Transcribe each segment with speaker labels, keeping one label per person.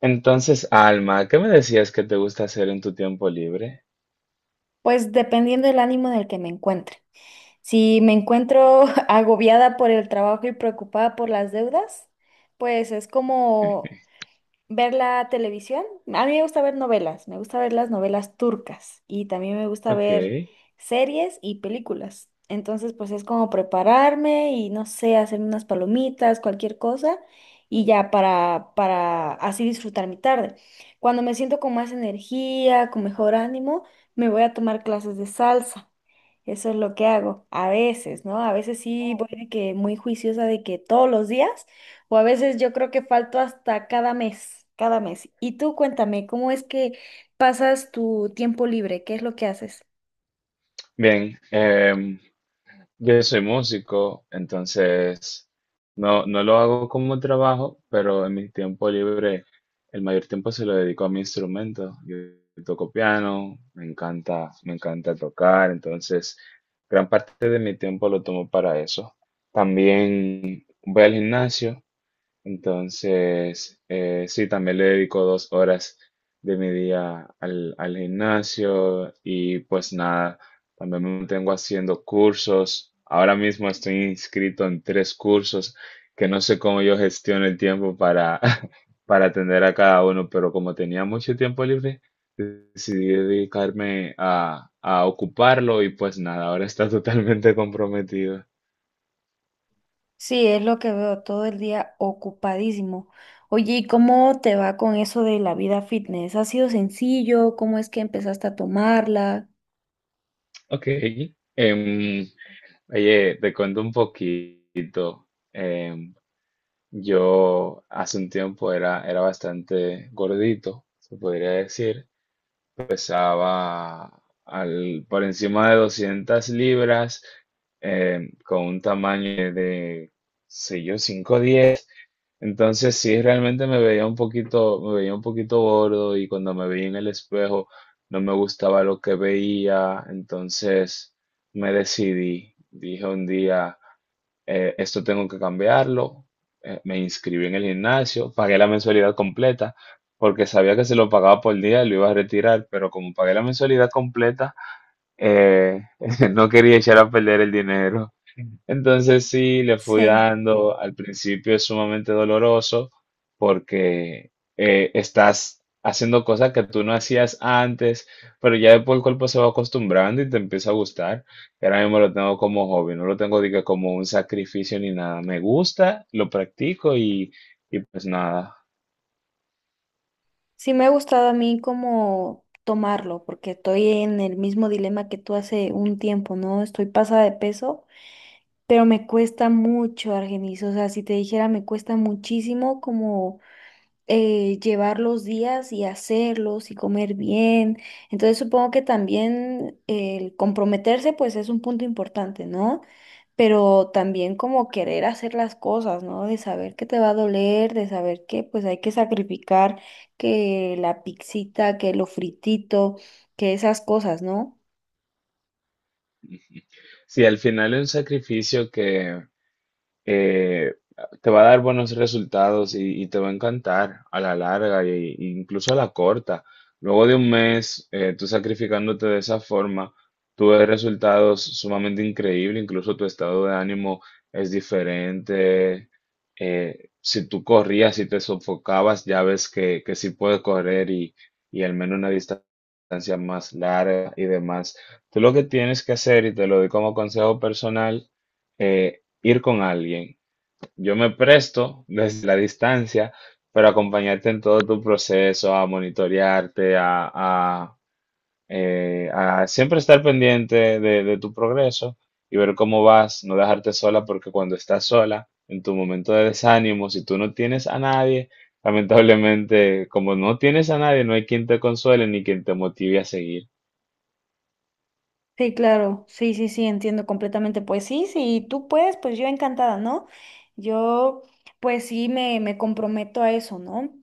Speaker 1: Entonces, Alma, ¿qué me decías que te gusta hacer en tu tiempo libre?
Speaker 2: Pues dependiendo del ánimo en el que me encuentre. Si me encuentro agobiada por el trabajo y preocupada por las deudas, pues es como ¿ver la televisión? A mí me gusta ver novelas, me gusta ver las novelas turcas y también me gusta
Speaker 1: Ok,
Speaker 2: ver series y películas. Entonces, pues es como prepararme y no sé, hacer unas palomitas, cualquier cosa y ya para así disfrutar mi tarde. Cuando me siento con más energía, con mejor ánimo, me voy a tomar clases de salsa. Eso es lo que hago a veces, ¿no? A veces sí voy de que muy juiciosa de que todos los días. O a veces yo creo que falto hasta cada mes, cada mes. Y tú cuéntame, ¿cómo es que pasas tu tiempo libre? ¿Qué es lo que haces?
Speaker 1: bien. Yo soy músico, entonces no, no lo hago como trabajo, pero en mi tiempo libre, el mayor tiempo se lo dedico a mi instrumento. Yo toco piano, me encanta tocar, entonces gran parte de mi tiempo lo tomo para eso. También voy al gimnasio. Entonces, sí, también le dedico 2 horas de mi día al gimnasio y pues nada, también me mantengo haciendo cursos. Ahora mismo estoy inscrito en tres cursos que no sé cómo yo gestiono el tiempo para, para atender a cada uno, pero como tenía mucho tiempo libre, decidí dedicarme a ocuparlo y pues nada, ahora está totalmente comprometido.
Speaker 2: Sí, es lo que veo todo el día ocupadísimo. Oye, ¿y cómo te va con eso de la vida fitness? ¿Ha sido sencillo? ¿Cómo es que empezaste a tomarla?
Speaker 1: Ok. em, Oye, te cuento un poquito. Em, yo hace un tiempo era bastante gordito, se podría decir. Pesaba por encima de 200 libras, con un tamaño de, sé yo, cinco diez. Entonces sí, realmente me veía un poquito gordo y cuando me veía en el espejo no me gustaba lo que veía. Entonces me decidí, dije un día esto tengo que cambiarlo. Me inscribí en el gimnasio, pagué la mensualidad completa, porque sabía que se lo pagaba por día y lo iba a retirar, pero como pagué la mensualidad completa, eh, no quería echar a perder el dinero. Entonces sí, le fui
Speaker 2: Sí,
Speaker 1: dando, al principio es sumamente doloroso porque estás haciendo cosas que tú no hacías antes, pero ya después el cuerpo se va acostumbrando y te empieza a gustar. Y ahora mismo lo tengo como hobby, no lo tengo diga, como un sacrificio ni nada. Me gusta, lo practico y pues nada.
Speaker 2: sí, me ha gustado a mí como tomarlo, porque estoy en el mismo dilema que tú hace un tiempo, ¿no? Estoy pasada de peso. Pero me cuesta mucho, Argenis. O sea, si te dijera, me cuesta muchísimo como llevar los días y hacerlos y comer bien. Entonces supongo que también el comprometerse, pues es un punto importante, ¿no? Pero también como querer hacer las cosas, ¿no? De saber que te va a doler, de saber que pues hay que sacrificar que la pixita, que lo fritito, que esas cosas, ¿no?
Speaker 1: Sí, al final es un sacrificio que eh, te va a dar buenos resultados y te va a encantar a la larga e incluso a la corta. Luego de un mes, tú sacrificándote de esa forma, tú ves resultados sumamente increíbles, incluso tu estado de ánimo es diferente. Si tú corrías y te sofocabas, ya ves que sí puedes correr y al menos una distancia más larga y demás. Tú lo que tienes que hacer, y te lo doy como consejo personal, eh, ir con alguien. Yo me presto desde la distancia para acompañarte en todo tu proceso, a monitorearte, a siempre estar pendiente de tu progreso y ver cómo vas, no dejarte sola, porque cuando estás sola, en tu momento de desánimo, si tú no tienes a nadie, lamentablemente, como no tienes a nadie, no hay quien te consuele ni quien te motive a seguir.
Speaker 2: Sí, claro, sí, sí, sí, entiendo completamente. Pues sí, sí, tú puedes, pues yo encantada, ¿no? Yo, pues sí, me comprometo a eso, ¿no?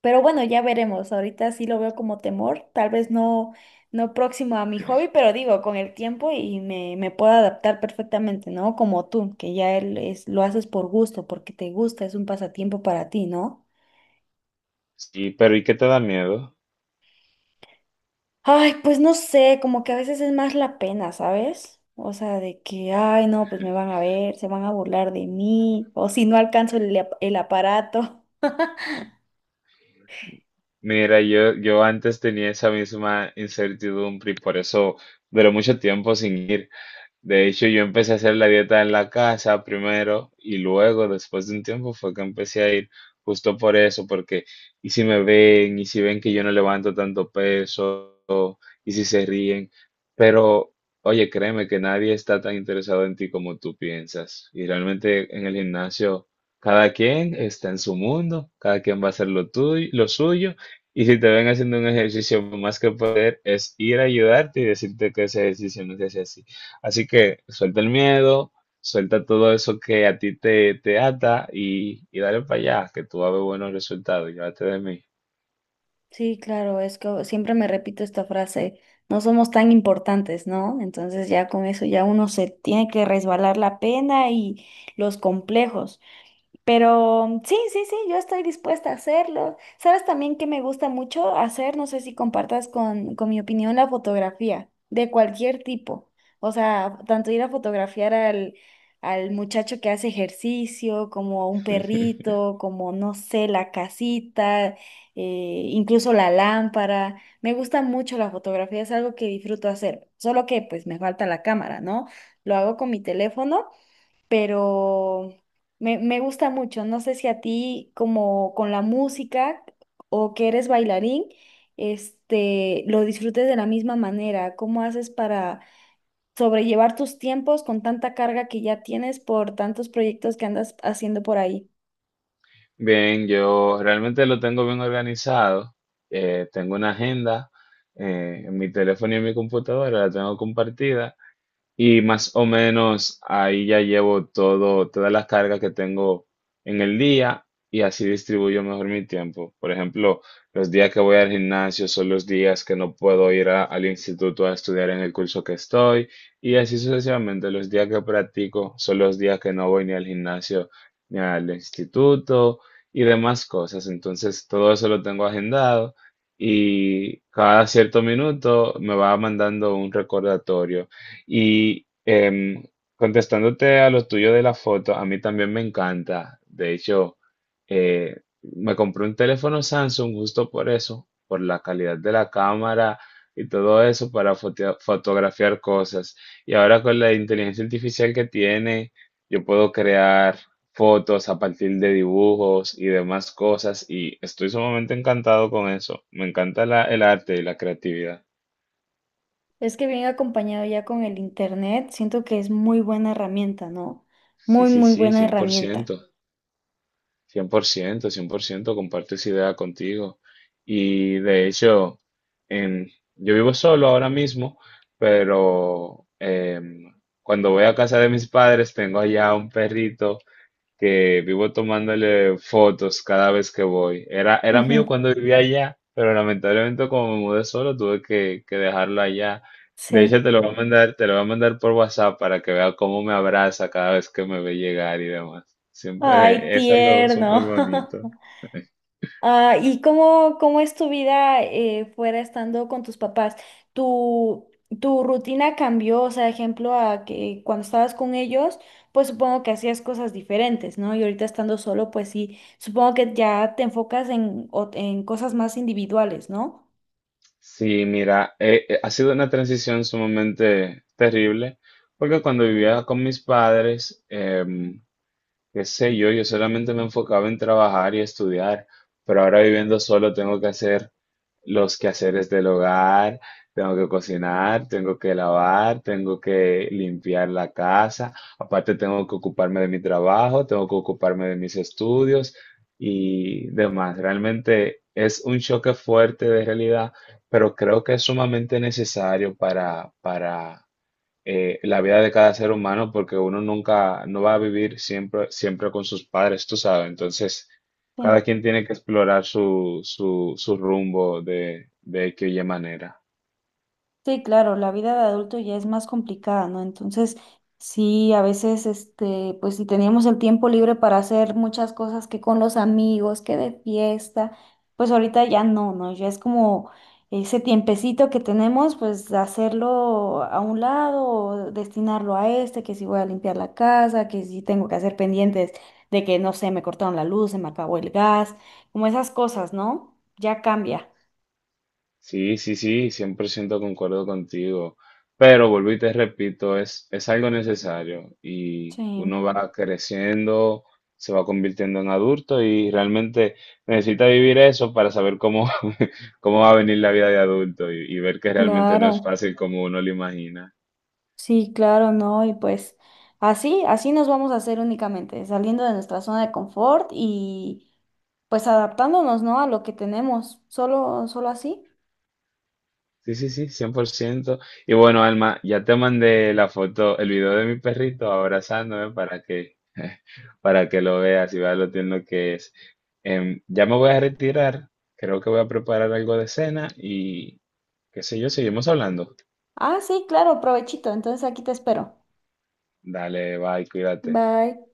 Speaker 2: Pero bueno, ya veremos. Ahorita sí lo veo como temor, tal vez no, no próximo a mi hobby, pero digo, con el tiempo y me puedo adaptar perfectamente, ¿no? Como tú, que ya él es, lo haces por gusto, porque te gusta, es un pasatiempo para ti, ¿no?
Speaker 1: Sí, pero ¿y qué te da miedo?
Speaker 2: Ay, pues no sé, como que a veces es más la pena, ¿sabes? O sea, de que, ay, no, pues me van a ver, se van a burlar de mí, o si no alcanzo el aparato.
Speaker 1: Mira, yo antes tenía esa misma incertidumbre y por eso duré mucho tiempo sin ir. De hecho, yo empecé a hacer la dieta en la casa primero y luego, después de un tiempo, fue que empecé a ir justo por eso, porque y si me ven, y si ven que yo no levanto tanto peso, y si se ríen, pero oye, créeme que nadie está tan interesado en ti como tú piensas. Y realmente en el gimnasio, cada quien está en su mundo, cada quien va a hacer lo tuyo, lo suyo, y si te ven haciendo un ejercicio más que poder, es ir a ayudarte y decirte que ese ejercicio no se hace así. Así que suelta el miedo, suelta todo eso que a ti te, te ata y dale para allá, que tú vas a ver buenos resultados, llévate de mí.
Speaker 2: Sí, claro, es que siempre me repito esta frase, no somos tan importantes, ¿no? Entonces ya con eso ya uno se tiene que resbalar la pena y los complejos. Pero sí, sí, sí, yo estoy dispuesta a hacerlo. ¿Sabes también que me gusta mucho hacer? No sé si compartas con mi opinión la fotografía, de cualquier tipo. O sea, tanto ir a fotografiar al, al muchacho que hace ejercicio, como a un perrito, como, no sé, la casita, incluso la lámpara. Me gusta mucho la fotografía, es algo que disfruto hacer. Solo que pues me falta la cámara, ¿no? Lo hago con mi teléfono pero me gusta mucho. No sé si a ti, como con la música o que eres bailarín, este, lo disfrutes de la misma manera. ¿Cómo haces para sobrellevar tus tiempos con tanta carga que ya tienes por tantos proyectos que andas haciendo por ahí?
Speaker 1: Bien, yo realmente lo tengo bien organizado. Tengo una agenda en mi teléfono y en mi computadora, la tengo compartida. Y más o menos ahí ya llevo todo, todas las cargas que tengo en el día y así distribuyo mejor mi tiempo. Por ejemplo, los días que voy al gimnasio son los días que no puedo ir al instituto a estudiar en el curso que estoy y así sucesivamente. Los días que practico son los días que no voy ni al gimnasio ni al instituto y demás cosas. Entonces, todo eso lo tengo agendado y cada cierto minuto me va mandando un recordatorio. Y contestándote a lo tuyo de la foto, a mí también me encanta. De hecho, eh, me compré un teléfono Samsung justo por eso, por la calidad de la cámara y todo eso para fotografiar cosas. Y ahora con la inteligencia artificial que tiene, yo puedo crear fotos a partir de dibujos y demás cosas. Y estoy sumamente encantado con eso. Me encanta el arte y la creatividad.
Speaker 2: Es que viene acompañado ya con el internet, siento que es muy buena herramienta, ¿no?
Speaker 1: Sí,
Speaker 2: Muy,
Speaker 1: sí,
Speaker 2: muy
Speaker 1: sí,
Speaker 2: buena
Speaker 1: cien por
Speaker 2: herramienta.
Speaker 1: ciento. Cien por ciento cien por ciento comparto esa idea contigo. Y de hecho, em, yo vivo solo ahora mismo, pero cuando voy a casa de mis padres tengo allá un perrito que vivo tomándole fotos cada vez que voy. Era
Speaker 2: Ujú.
Speaker 1: mío cuando vivía allá, pero lamentablemente como me mudé solo tuve que dejarlo allá. De hecho,
Speaker 2: Sí.
Speaker 1: te lo voy a mandar, te lo voy a mandar por WhatsApp para que vea cómo me abraza cada vez que me ve llegar y demás.
Speaker 2: Ay,
Speaker 1: Siempre es algo súper
Speaker 2: tierno.
Speaker 1: bonito.
Speaker 2: Ah, ¿y cómo, cómo es tu vida fuera estando con tus papás? ¿Tu, ¿tu rutina cambió? O sea, ejemplo, a que cuando estabas con ellos, pues supongo que hacías cosas diferentes, ¿no? Y ahorita estando solo, pues sí, supongo que ya te enfocas en, o- en cosas más individuales, ¿no?
Speaker 1: Sí, mira, ha sido una transición sumamente terrible, porque cuando vivía con mis padres, qué sé yo, yo solamente me enfocaba en trabajar y estudiar, pero ahora viviendo solo tengo que hacer los quehaceres del hogar, tengo que cocinar, tengo que lavar, tengo que limpiar la casa, aparte tengo que ocuparme de mi trabajo, tengo que ocuparme de mis estudios y demás. Realmente es un choque fuerte de realidad, pero creo que es sumamente necesario para, para la vida de cada ser humano porque uno nunca, no va a vivir siempre, siempre con sus padres, tú sabes. Entonces, cada
Speaker 2: Sí.
Speaker 1: quien tiene que explorar su rumbo de X o Y manera.
Speaker 2: Sí, claro, la vida de adulto ya es más complicada, ¿no? Entonces, sí, a veces, este, pues si teníamos el tiempo libre para hacer muchas cosas que con los amigos, que de fiesta, pues ahorita ya no, ¿no? Ya es como ese tiempecito que tenemos, pues hacerlo a un lado, o destinarlo a este, que si voy a limpiar la casa, que si tengo que hacer pendientes de que, no sé, me cortaron la luz, se me acabó el gas, como esas cosas, ¿no? Ya cambia.
Speaker 1: Sí, sí, sí, 100% concuerdo contigo, pero vuelvo y te repito, es algo necesario y
Speaker 2: Sí,
Speaker 1: uno va creciendo, se va convirtiendo en adulto y realmente necesita vivir eso para saber cómo, cómo va a venir la vida de adulto y ver que realmente no es
Speaker 2: claro.
Speaker 1: fácil como uno lo imagina.
Speaker 2: Sí, claro, no, y pues así, así nos vamos a hacer únicamente, saliendo de nuestra zona de confort y pues adaptándonos, ¿no? A lo que tenemos, solo, solo así.
Speaker 1: Sí, sí, sí, cien por ciento. Y bueno, Alma, ya te mandé la foto, el video de mi perrito abrazándome para que lo veas y veas lo tierno que es. Ya me voy a retirar, creo que voy a preparar algo de cena y qué sé yo, seguimos hablando.
Speaker 2: Ah, sí, claro, provechito, entonces aquí te espero.
Speaker 1: Dale, bye, cuídate.
Speaker 2: Bye.